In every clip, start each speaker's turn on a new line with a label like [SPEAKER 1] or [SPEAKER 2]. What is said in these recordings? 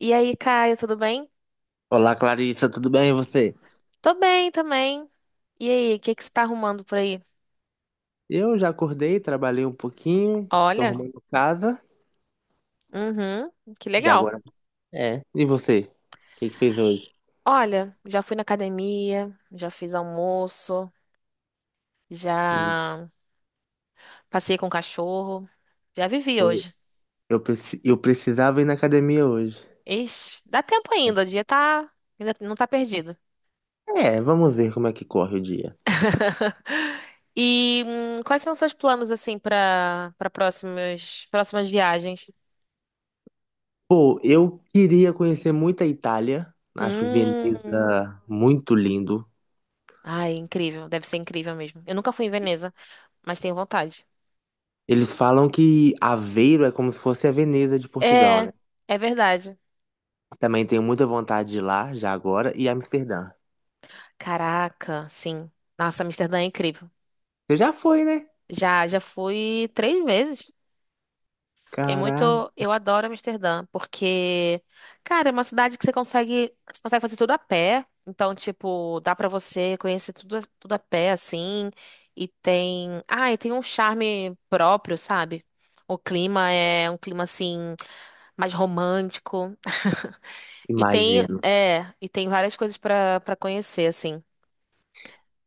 [SPEAKER 1] E aí, Caio, tudo bem?
[SPEAKER 2] Olá, Clarissa, tudo bem e você?
[SPEAKER 1] Tô bem também. E aí, o que que você tá arrumando por aí?
[SPEAKER 2] Eu já acordei, trabalhei um pouquinho, tô
[SPEAKER 1] Olha.
[SPEAKER 2] arrumando casa
[SPEAKER 1] Uhum. Que
[SPEAKER 2] e
[SPEAKER 1] legal.
[SPEAKER 2] agora é. E você? O que que fez hoje?
[SPEAKER 1] Olha, já fui na academia, já fiz almoço,
[SPEAKER 2] Hum.
[SPEAKER 1] já passei com o cachorro, já vivi
[SPEAKER 2] Eu,
[SPEAKER 1] hoje.
[SPEAKER 2] eu precisava ir na academia hoje.
[SPEAKER 1] Ixi, dá tempo ainda, o dia tá, ainda não tá perdido.
[SPEAKER 2] É, vamos ver como é que corre o dia.
[SPEAKER 1] E quais são os seus planos assim pra para próximas viagens?
[SPEAKER 2] Pô, eu queria conhecer muito a Itália. Acho
[SPEAKER 1] Hum,
[SPEAKER 2] Veneza muito lindo.
[SPEAKER 1] ai, incrível, deve ser incrível mesmo. Eu nunca fui em Veneza, mas tenho vontade.
[SPEAKER 2] Eles falam que Aveiro é como se fosse a Veneza de Portugal, né?
[SPEAKER 1] É, é verdade.
[SPEAKER 2] Também tenho muita vontade de ir lá já agora e Amsterdã.
[SPEAKER 1] Caraca, sim. Nossa, Amsterdã é incrível.
[SPEAKER 2] Você já foi, né?
[SPEAKER 1] Já, já fui três vezes. É
[SPEAKER 2] Caraca,
[SPEAKER 1] muito, eu adoro Amsterdã, porque, cara, é uma cidade que você consegue fazer tudo a pé. Então, tipo, dá pra você conhecer tudo, tudo a pé, assim. E tem um charme próprio, sabe? O clima é um clima assim mais romântico. E tem,
[SPEAKER 2] imagino.
[SPEAKER 1] é, e tem várias coisas pra para conhecer, assim.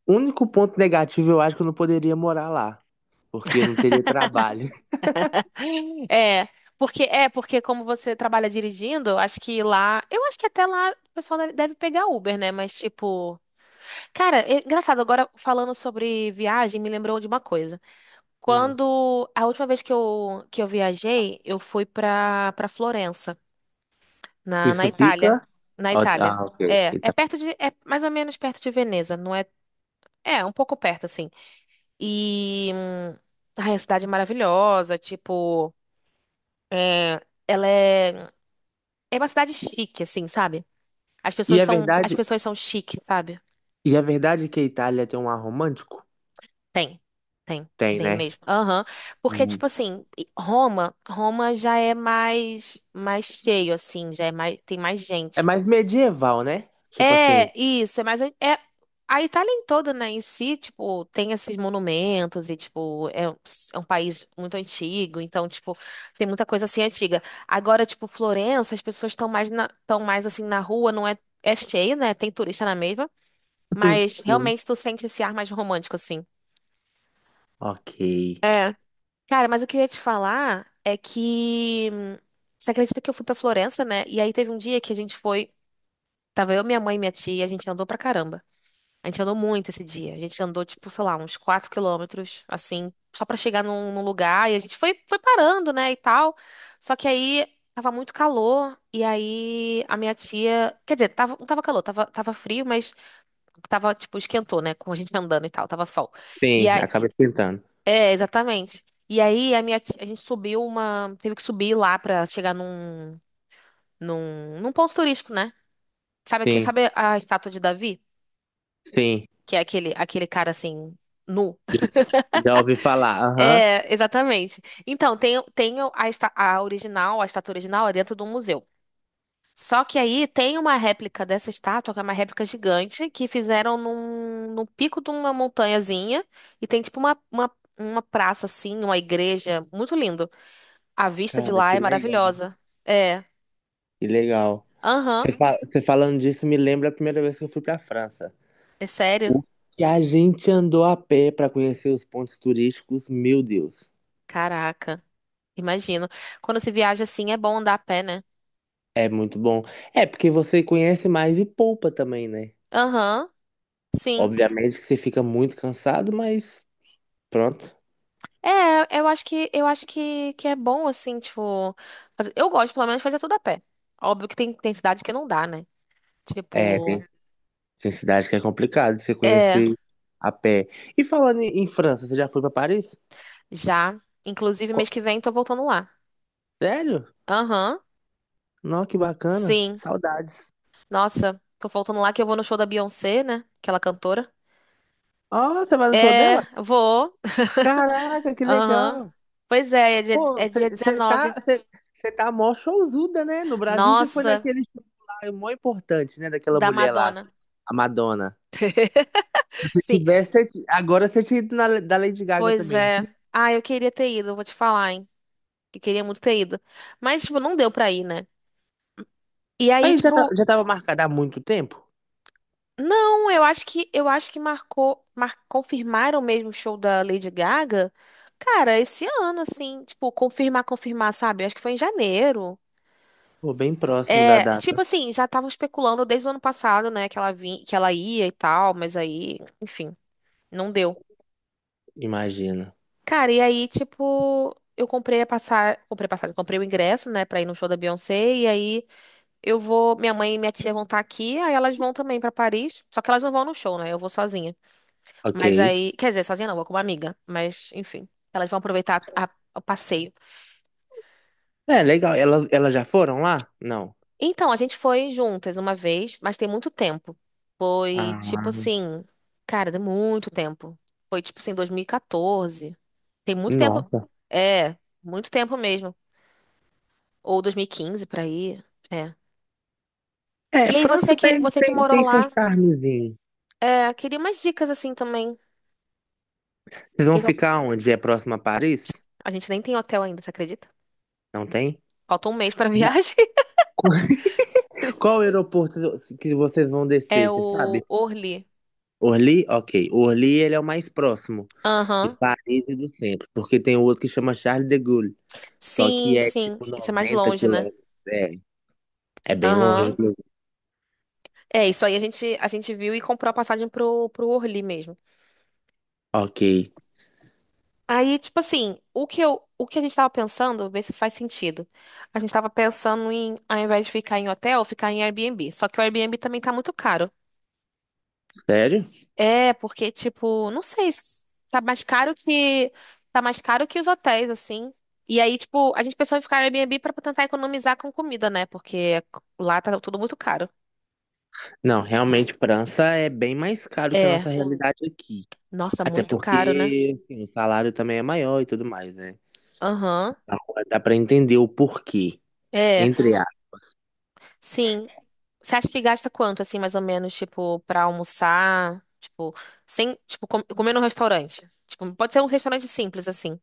[SPEAKER 2] O único ponto negativo, eu acho que eu não poderia morar lá, porque eu não teria trabalho.
[SPEAKER 1] É, porque como você trabalha dirigindo, acho que lá, eu acho que até lá o pessoal deve pegar Uber, né? Mas tipo, cara, é engraçado agora falando sobre viagem, me lembrou de uma coisa.
[SPEAKER 2] Hum.
[SPEAKER 1] Quando a última vez que eu viajei, eu fui pra para Florença, na
[SPEAKER 2] Isso
[SPEAKER 1] Itália,
[SPEAKER 2] fica?
[SPEAKER 1] na
[SPEAKER 2] Ó,
[SPEAKER 1] Itália.
[SPEAKER 2] ah, ok.
[SPEAKER 1] É, é perto de é mais ou menos perto de Veneza, não é? É, um pouco perto assim. E ai, a cidade é maravilhosa, tipo, é, ela é É uma cidade chique, assim, sabe? As
[SPEAKER 2] E
[SPEAKER 1] pessoas
[SPEAKER 2] é
[SPEAKER 1] são, as
[SPEAKER 2] verdade,
[SPEAKER 1] pessoas são chique, sabe?
[SPEAKER 2] e é verdade que a Itália tem um ar romântico?
[SPEAKER 1] Tem, tem,
[SPEAKER 2] Tem,
[SPEAKER 1] tem
[SPEAKER 2] né?
[SPEAKER 1] mesmo. Aham. Porque,
[SPEAKER 2] Hum.
[SPEAKER 1] tipo assim, Roma já é mais cheio, assim, já é mais, tem mais
[SPEAKER 2] É
[SPEAKER 1] gente.
[SPEAKER 2] mais medieval, né? Tipo
[SPEAKER 1] É,
[SPEAKER 2] assim.
[SPEAKER 1] isso, é mais, a Itália em toda, né, em si, tipo, tem esses monumentos e, tipo, é um país muito antigo, então, tipo, tem muita coisa assim antiga. Agora, tipo, Florença, as pessoas estão mais, assim, na rua, não é, é cheio, né, tem turista na mesma. Mas
[SPEAKER 2] Sim.
[SPEAKER 1] realmente tu sente esse ar mais romântico, assim.
[SPEAKER 2] Ok.
[SPEAKER 1] É. Cara, mas o que eu ia te falar é que você acredita que eu fui pra Florença, né? E aí teve um dia que a gente foi. Tava eu, minha mãe e minha tia, a gente andou pra caramba. A gente andou muito esse dia. A gente andou, tipo, sei lá, uns 4 quilômetros, assim, só pra chegar num lugar. E a gente foi parando, né, e tal. Só que aí tava muito calor. E aí a minha tia. Quer dizer, tava, não tava calor, tava frio, mas tava, tipo, esquentou, né? Com a gente andando e tal, tava sol. E
[SPEAKER 2] Sim,
[SPEAKER 1] aí.
[SPEAKER 2] acaba esquentando.
[SPEAKER 1] É, exatamente. E aí a gente subiu uma, teve que subir lá pra chegar num ponto turístico, né? Sabe aqui,
[SPEAKER 2] Sim,
[SPEAKER 1] sabe a estátua de Davi,
[SPEAKER 2] sim.
[SPEAKER 1] que é aquele cara assim nu?
[SPEAKER 2] Já ouvi falar. Aham.
[SPEAKER 1] É, exatamente. Então, tem a estátua original é dentro de um museu. Só que aí tem uma réplica dessa estátua, que é uma réplica gigante, que fizeram num pico de uma montanhazinha, e tem tipo uma praça assim, uma igreja, muito lindo. A vista de
[SPEAKER 2] Cara,
[SPEAKER 1] lá
[SPEAKER 2] que
[SPEAKER 1] é
[SPEAKER 2] legal.
[SPEAKER 1] maravilhosa. É.
[SPEAKER 2] Que legal.
[SPEAKER 1] Aham.
[SPEAKER 2] Você falando disso me lembra a primeira vez que eu fui pra França.
[SPEAKER 1] É sério?
[SPEAKER 2] O que a gente andou a pé para conhecer os pontos turísticos, meu Deus,
[SPEAKER 1] Caraca. Imagino. Quando se viaja assim, é bom andar a pé, né?
[SPEAKER 2] é muito bom. É porque você conhece mais e poupa também, né?
[SPEAKER 1] Aham. Sim.
[SPEAKER 2] Obviamente que você fica muito cansado, mas pronto.
[SPEAKER 1] É, eu acho que é bom assim, tipo, eu gosto pelo menos de fazer tudo a pé. Óbvio que tem cidade que não dá, né?
[SPEAKER 2] É, tem,
[SPEAKER 1] Tipo,
[SPEAKER 2] tem cidade que é complicado você
[SPEAKER 1] é,
[SPEAKER 2] conhecer a pé. E falando em França, você já foi para Paris?
[SPEAKER 1] já, inclusive mês
[SPEAKER 2] Co-
[SPEAKER 1] que vem tô voltando lá.
[SPEAKER 2] Sério?
[SPEAKER 1] Aham.
[SPEAKER 2] Nossa, que bacana.
[SPEAKER 1] Sim.
[SPEAKER 2] Saudades.
[SPEAKER 1] Nossa, tô voltando lá que eu vou no show da Beyoncé, né? Aquela cantora.
[SPEAKER 2] Ó, você vai no show
[SPEAKER 1] É,
[SPEAKER 2] dela?
[SPEAKER 1] vou.
[SPEAKER 2] Caraca, que
[SPEAKER 1] Aham.
[SPEAKER 2] legal.
[SPEAKER 1] Pois é, é dia,
[SPEAKER 2] Pô,
[SPEAKER 1] é dia
[SPEAKER 2] você tá,
[SPEAKER 1] 19.
[SPEAKER 2] cê, cê tá mó showzuda, né? No Brasil você foi
[SPEAKER 1] Nossa,
[SPEAKER 2] naquele show lá, é mó importante, né? Daquela
[SPEAKER 1] da
[SPEAKER 2] mulher lá,
[SPEAKER 1] Madonna.
[SPEAKER 2] a Madonna. Se
[SPEAKER 1] Sim,
[SPEAKER 2] tivesse, agora você tinha ido na, da Lady Gaga
[SPEAKER 1] pois
[SPEAKER 2] também, não tinha?
[SPEAKER 1] é. Ah, eu queria ter ido, eu vou te falar, hein? Eu queria muito ter ido. Mas, tipo, não deu pra ir, né? E aí,
[SPEAKER 2] Mas já,
[SPEAKER 1] tipo,
[SPEAKER 2] já tava marcada há muito tempo?
[SPEAKER 1] não, eu acho que marcou, confirmaram mesmo o show da Lady Gaga. Cara, esse ano, assim, tipo, confirmar, confirmar, sabe? Eu acho que foi em janeiro.
[SPEAKER 2] Pô, bem próximo da
[SPEAKER 1] É,
[SPEAKER 2] data,
[SPEAKER 1] tipo assim, já estavam especulando desde o ano passado, né, que ela vinha, que ela ia e tal, mas aí, enfim, não deu.
[SPEAKER 2] imagina.
[SPEAKER 1] Cara, e aí, tipo, eu comprei a passar, comprei a passagem, comprei o ingresso, né, pra ir no show da Beyoncé, e aí eu vou, minha mãe e minha tia vão estar aqui, aí elas vão também pra Paris, só que elas não vão no show, né? Eu vou sozinha.
[SPEAKER 2] Ok.
[SPEAKER 1] Mas aí, quer dizer, sozinha não, vou com uma amiga, mas enfim, elas vão aproveitar o passeio.
[SPEAKER 2] É, legal. Ela, elas já foram lá? Não.
[SPEAKER 1] Então, a gente foi juntas uma vez, mas tem muito tempo. Foi tipo
[SPEAKER 2] Ah,
[SPEAKER 1] assim, cara, deu muito tempo. Foi tipo assim, 2014. Tem muito tempo.
[SPEAKER 2] nossa.
[SPEAKER 1] É, muito tempo mesmo. Ou 2015, por aí. É.
[SPEAKER 2] É,
[SPEAKER 1] E aí,
[SPEAKER 2] França
[SPEAKER 1] você que,
[SPEAKER 2] tem,
[SPEAKER 1] você que
[SPEAKER 2] tem,
[SPEAKER 1] morou
[SPEAKER 2] tem seu
[SPEAKER 1] lá,
[SPEAKER 2] charmezinho.
[SPEAKER 1] queria umas dicas assim também.
[SPEAKER 2] Vocês
[SPEAKER 1] Que
[SPEAKER 2] vão
[SPEAKER 1] que eu-
[SPEAKER 2] ficar onde? É próximo a Paris?
[SPEAKER 1] A gente nem tem hotel ainda, você acredita?
[SPEAKER 2] Não tem?
[SPEAKER 1] Falta um mês pra
[SPEAKER 2] Já.
[SPEAKER 1] viagem.
[SPEAKER 2] Qual aeroporto que vocês vão
[SPEAKER 1] É
[SPEAKER 2] descer, você sabe?
[SPEAKER 1] o Orly.
[SPEAKER 2] Orly? Ok. O Orly, ele é o mais próximo de
[SPEAKER 1] Aham.
[SPEAKER 2] Paris e do centro, porque tem um outro que chama Charles de Gaulle, só
[SPEAKER 1] Sim,
[SPEAKER 2] que é
[SPEAKER 1] sim.
[SPEAKER 2] tipo
[SPEAKER 1] Isso é mais
[SPEAKER 2] 90
[SPEAKER 1] longe, né?
[SPEAKER 2] quilômetros. É, é bem longe,
[SPEAKER 1] Aham.
[SPEAKER 2] inclusive.
[SPEAKER 1] É, isso aí a gente viu e comprou a passagem pro Orly mesmo.
[SPEAKER 2] Ok.
[SPEAKER 1] Aí, tipo assim, o que a gente tava pensando, ver se faz sentido. A gente tava pensando em, ao invés de ficar em hotel, ficar em Airbnb. Só que o Airbnb também tá muito caro.
[SPEAKER 2] Sério?
[SPEAKER 1] É, porque, tipo, não sei, tá mais caro que. Tá mais caro que os hotéis, assim. E aí, tipo, a gente pensou em ficar no Airbnb pra tentar economizar com comida, né? Porque lá tá tudo muito caro.
[SPEAKER 2] Não, realmente, França é bem mais caro que a
[SPEAKER 1] É,
[SPEAKER 2] nossa realidade aqui.
[SPEAKER 1] nossa,
[SPEAKER 2] Até
[SPEAKER 1] muito caro, né?
[SPEAKER 2] porque assim, o salário também é maior e tudo mais, né?
[SPEAKER 1] Aham.
[SPEAKER 2] Agora dá pra entender o porquê,
[SPEAKER 1] É,
[SPEAKER 2] entre.
[SPEAKER 1] sim. Você acha que gasta quanto, assim, mais ou menos, tipo, pra almoçar? Tipo, sem, tipo, comer num restaurante. Tipo, pode ser um restaurante simples, assim.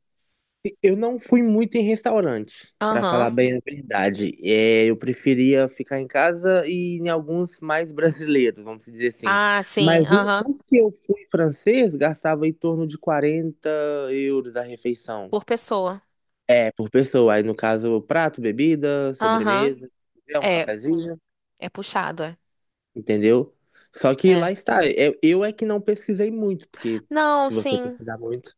[SPEAKER 2] Eu não fui muito em restaurante, pra falar
[SPEAKER 1] Aham.
[SPEAKER 2] bem a verdade. É, eu preferia ficar em casa e em alguns mais brasileiros, vamos dizer assim.
[SPEAKER 1] Ah, sim,
[SPEAKER 2] Mas
[SPEAKER 1] aham.
[SPEAKER 2] os que eu fui francês gastava em torno de 40 euros a refeição.
[SPEAKER 1] Por pessoa.
[SPEAKER 2] É, por pessoa. Aí, no caso, prato, bebida,
[SPEAKER 1] Aham.
[SPEAKER 2] sobremesa, é um
[SPEAKER 1] É,
[SPEAKER 2] cafezinho,
[SPEAKER 1] é puxado, é.
[SPEAKER 2] entendeu? Só que
[SPEAKER 1] É.
[SPEAKER 2] lá está. Eu é que não pesquisei muito, porque
[SPEAKER 1] Não,
[SPEAKER 2] se você
[SPEAKER 1] sim.
[SPEAKER 2] pesquisar muito.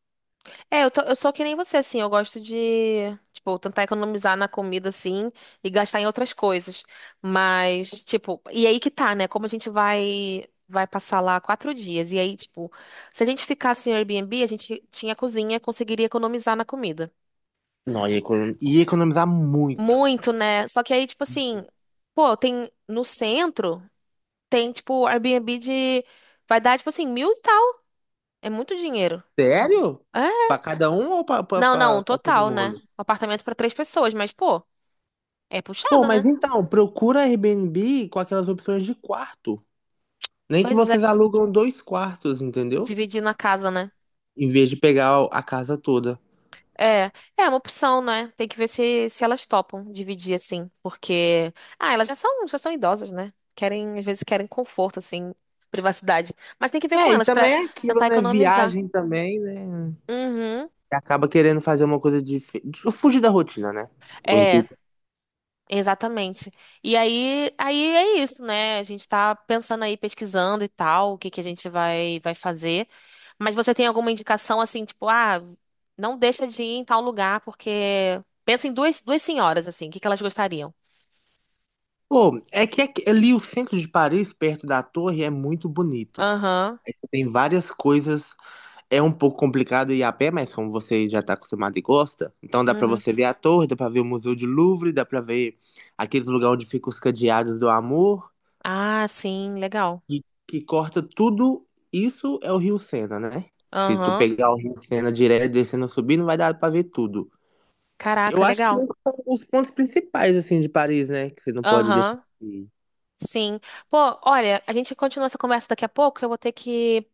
[SPEAKER 1] É, eu sou que nem você, assim. Eu gosto de, tipo, tentar economizar na comida, assim, e gastar em outras coisas. Mas, tipo, e aí que tá, né? Como a gente vai passar lá 4 dias. E aí, tipo, se a gente ficasse em Airbnb, a gente tinha cozinha, conseguiria economizar na comida.
[SPEAKER 2] Não, ia economizar muito.
[SPEAKER 1] Muito, né? Só que aí, tipo assim, pô, tem no centro, tem, tipo, Airbnb de. Vai dar, tipo assim, mil e tal. É muito dinheiro.
[SPEAKER 2] Sério? Pra cada um ou pra, pra,
[SPEAKER 1] Não, não, um
[SPEAKER 2] pra, pra todo
[SPEAKER 1] total, né?
[SPEAKER 2] mundo?
[SPEAKER 1] Um apartamento pra três pessoas, mas, pô, é
[SPEAKER 2] Pô,
[SPEAKER 1] puxado, né?
[SPEAKER 2] mas então, procura Airbnb com aquelas opções de quarto. Nem que
[SPEAKER 1] Pois é,
[SPEAKER 2] vocês alugam 2 quartos, entendeu?
[SPEAKER 1] dividir na casa, né?
[SPEAKER 2] Em vez de pegar a casa toda.
[SPEAKER 1] É, é uma opção, né? Tem que ver se elas topam dividir, assim, porque... Ah, elas já são idosas, né? Às vezes querem conforto, assim, privacidade. Mas tem que ver com
[SPEAKER 2] É, e
[SPEAKER 1] elas pra
[SPEAKER 2] também é aquilo,
[SPEAKER 1] tentar
[SPEAKER 2] né?
[SPEAKER 1] economizar.
[SPEAKER 2] Viagem também, né?
[SPEAKER 1] Uhum.
[SPEAKER 2] Acaba querendo fazer uma coisa de fugir da rotina, né? O
[SPEAKER 1] É.
[SPEAKER 2] intuito.
[SPEAKER 1] Exatamente. E aí, é isso, né? A gente tá pensando aí, pesquisando e tal, o que que a gente vai fazer. Mas você tem alguma indicação assim, tipo, não deixa de ir em tal lugar, porque pensa em duas senhoras, assim, o que que elas gostariam?
[SPEAKER 2] Pô, é que ali o centro de Paris, perto da torre, é muito bonito.
[SPEAKER 1] Aham,
[SPEAKER 2] É que tem várias coisas. É um pouco complicado ir a pé, mas como você já está acostumado e gosta, então dá para
[SPEAKER 1] uhum.
[SPEAKER 2] você ver a torre, dá para ver o Museu de Louvre, dá para ver aqueles lugares onde ficam os cadeados do amor,
[SPEAKER 1] Ah, sim, legal.
[SPEAKER 2] e que corta tudo. Isso é o Rio Sena, né? Se tu
[SPEAKER 1] Aham.
[SPEAKER 2] pegar o Rio Sena direto, descendo, subindo, vai dar para ver tudo.
[SPEAKER 1] Caraca,
[SPEAKER 2] Eu acho que
[SPEAKER 1] legal.
[SPEAKER 2] esses são os pontos principais, assim, de Paris, né? Que você não pode deixar
[SPEAKER 1] Aham,
[SPEAKER 2] de ir.
[SPEAKER 1] sim. Pô, olha, a gente continua essa conversa daqui a pouco, eu vou ter que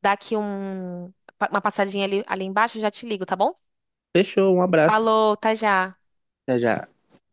[SPEAKER 1] dar aqui uma passadinha ali embaixo, já te ligo, tá bom?
[SPEAKER 2] Fechou, um abraço.
[SPEAKER 1] Falou, tá já.
[SPEAKER 2] Até já.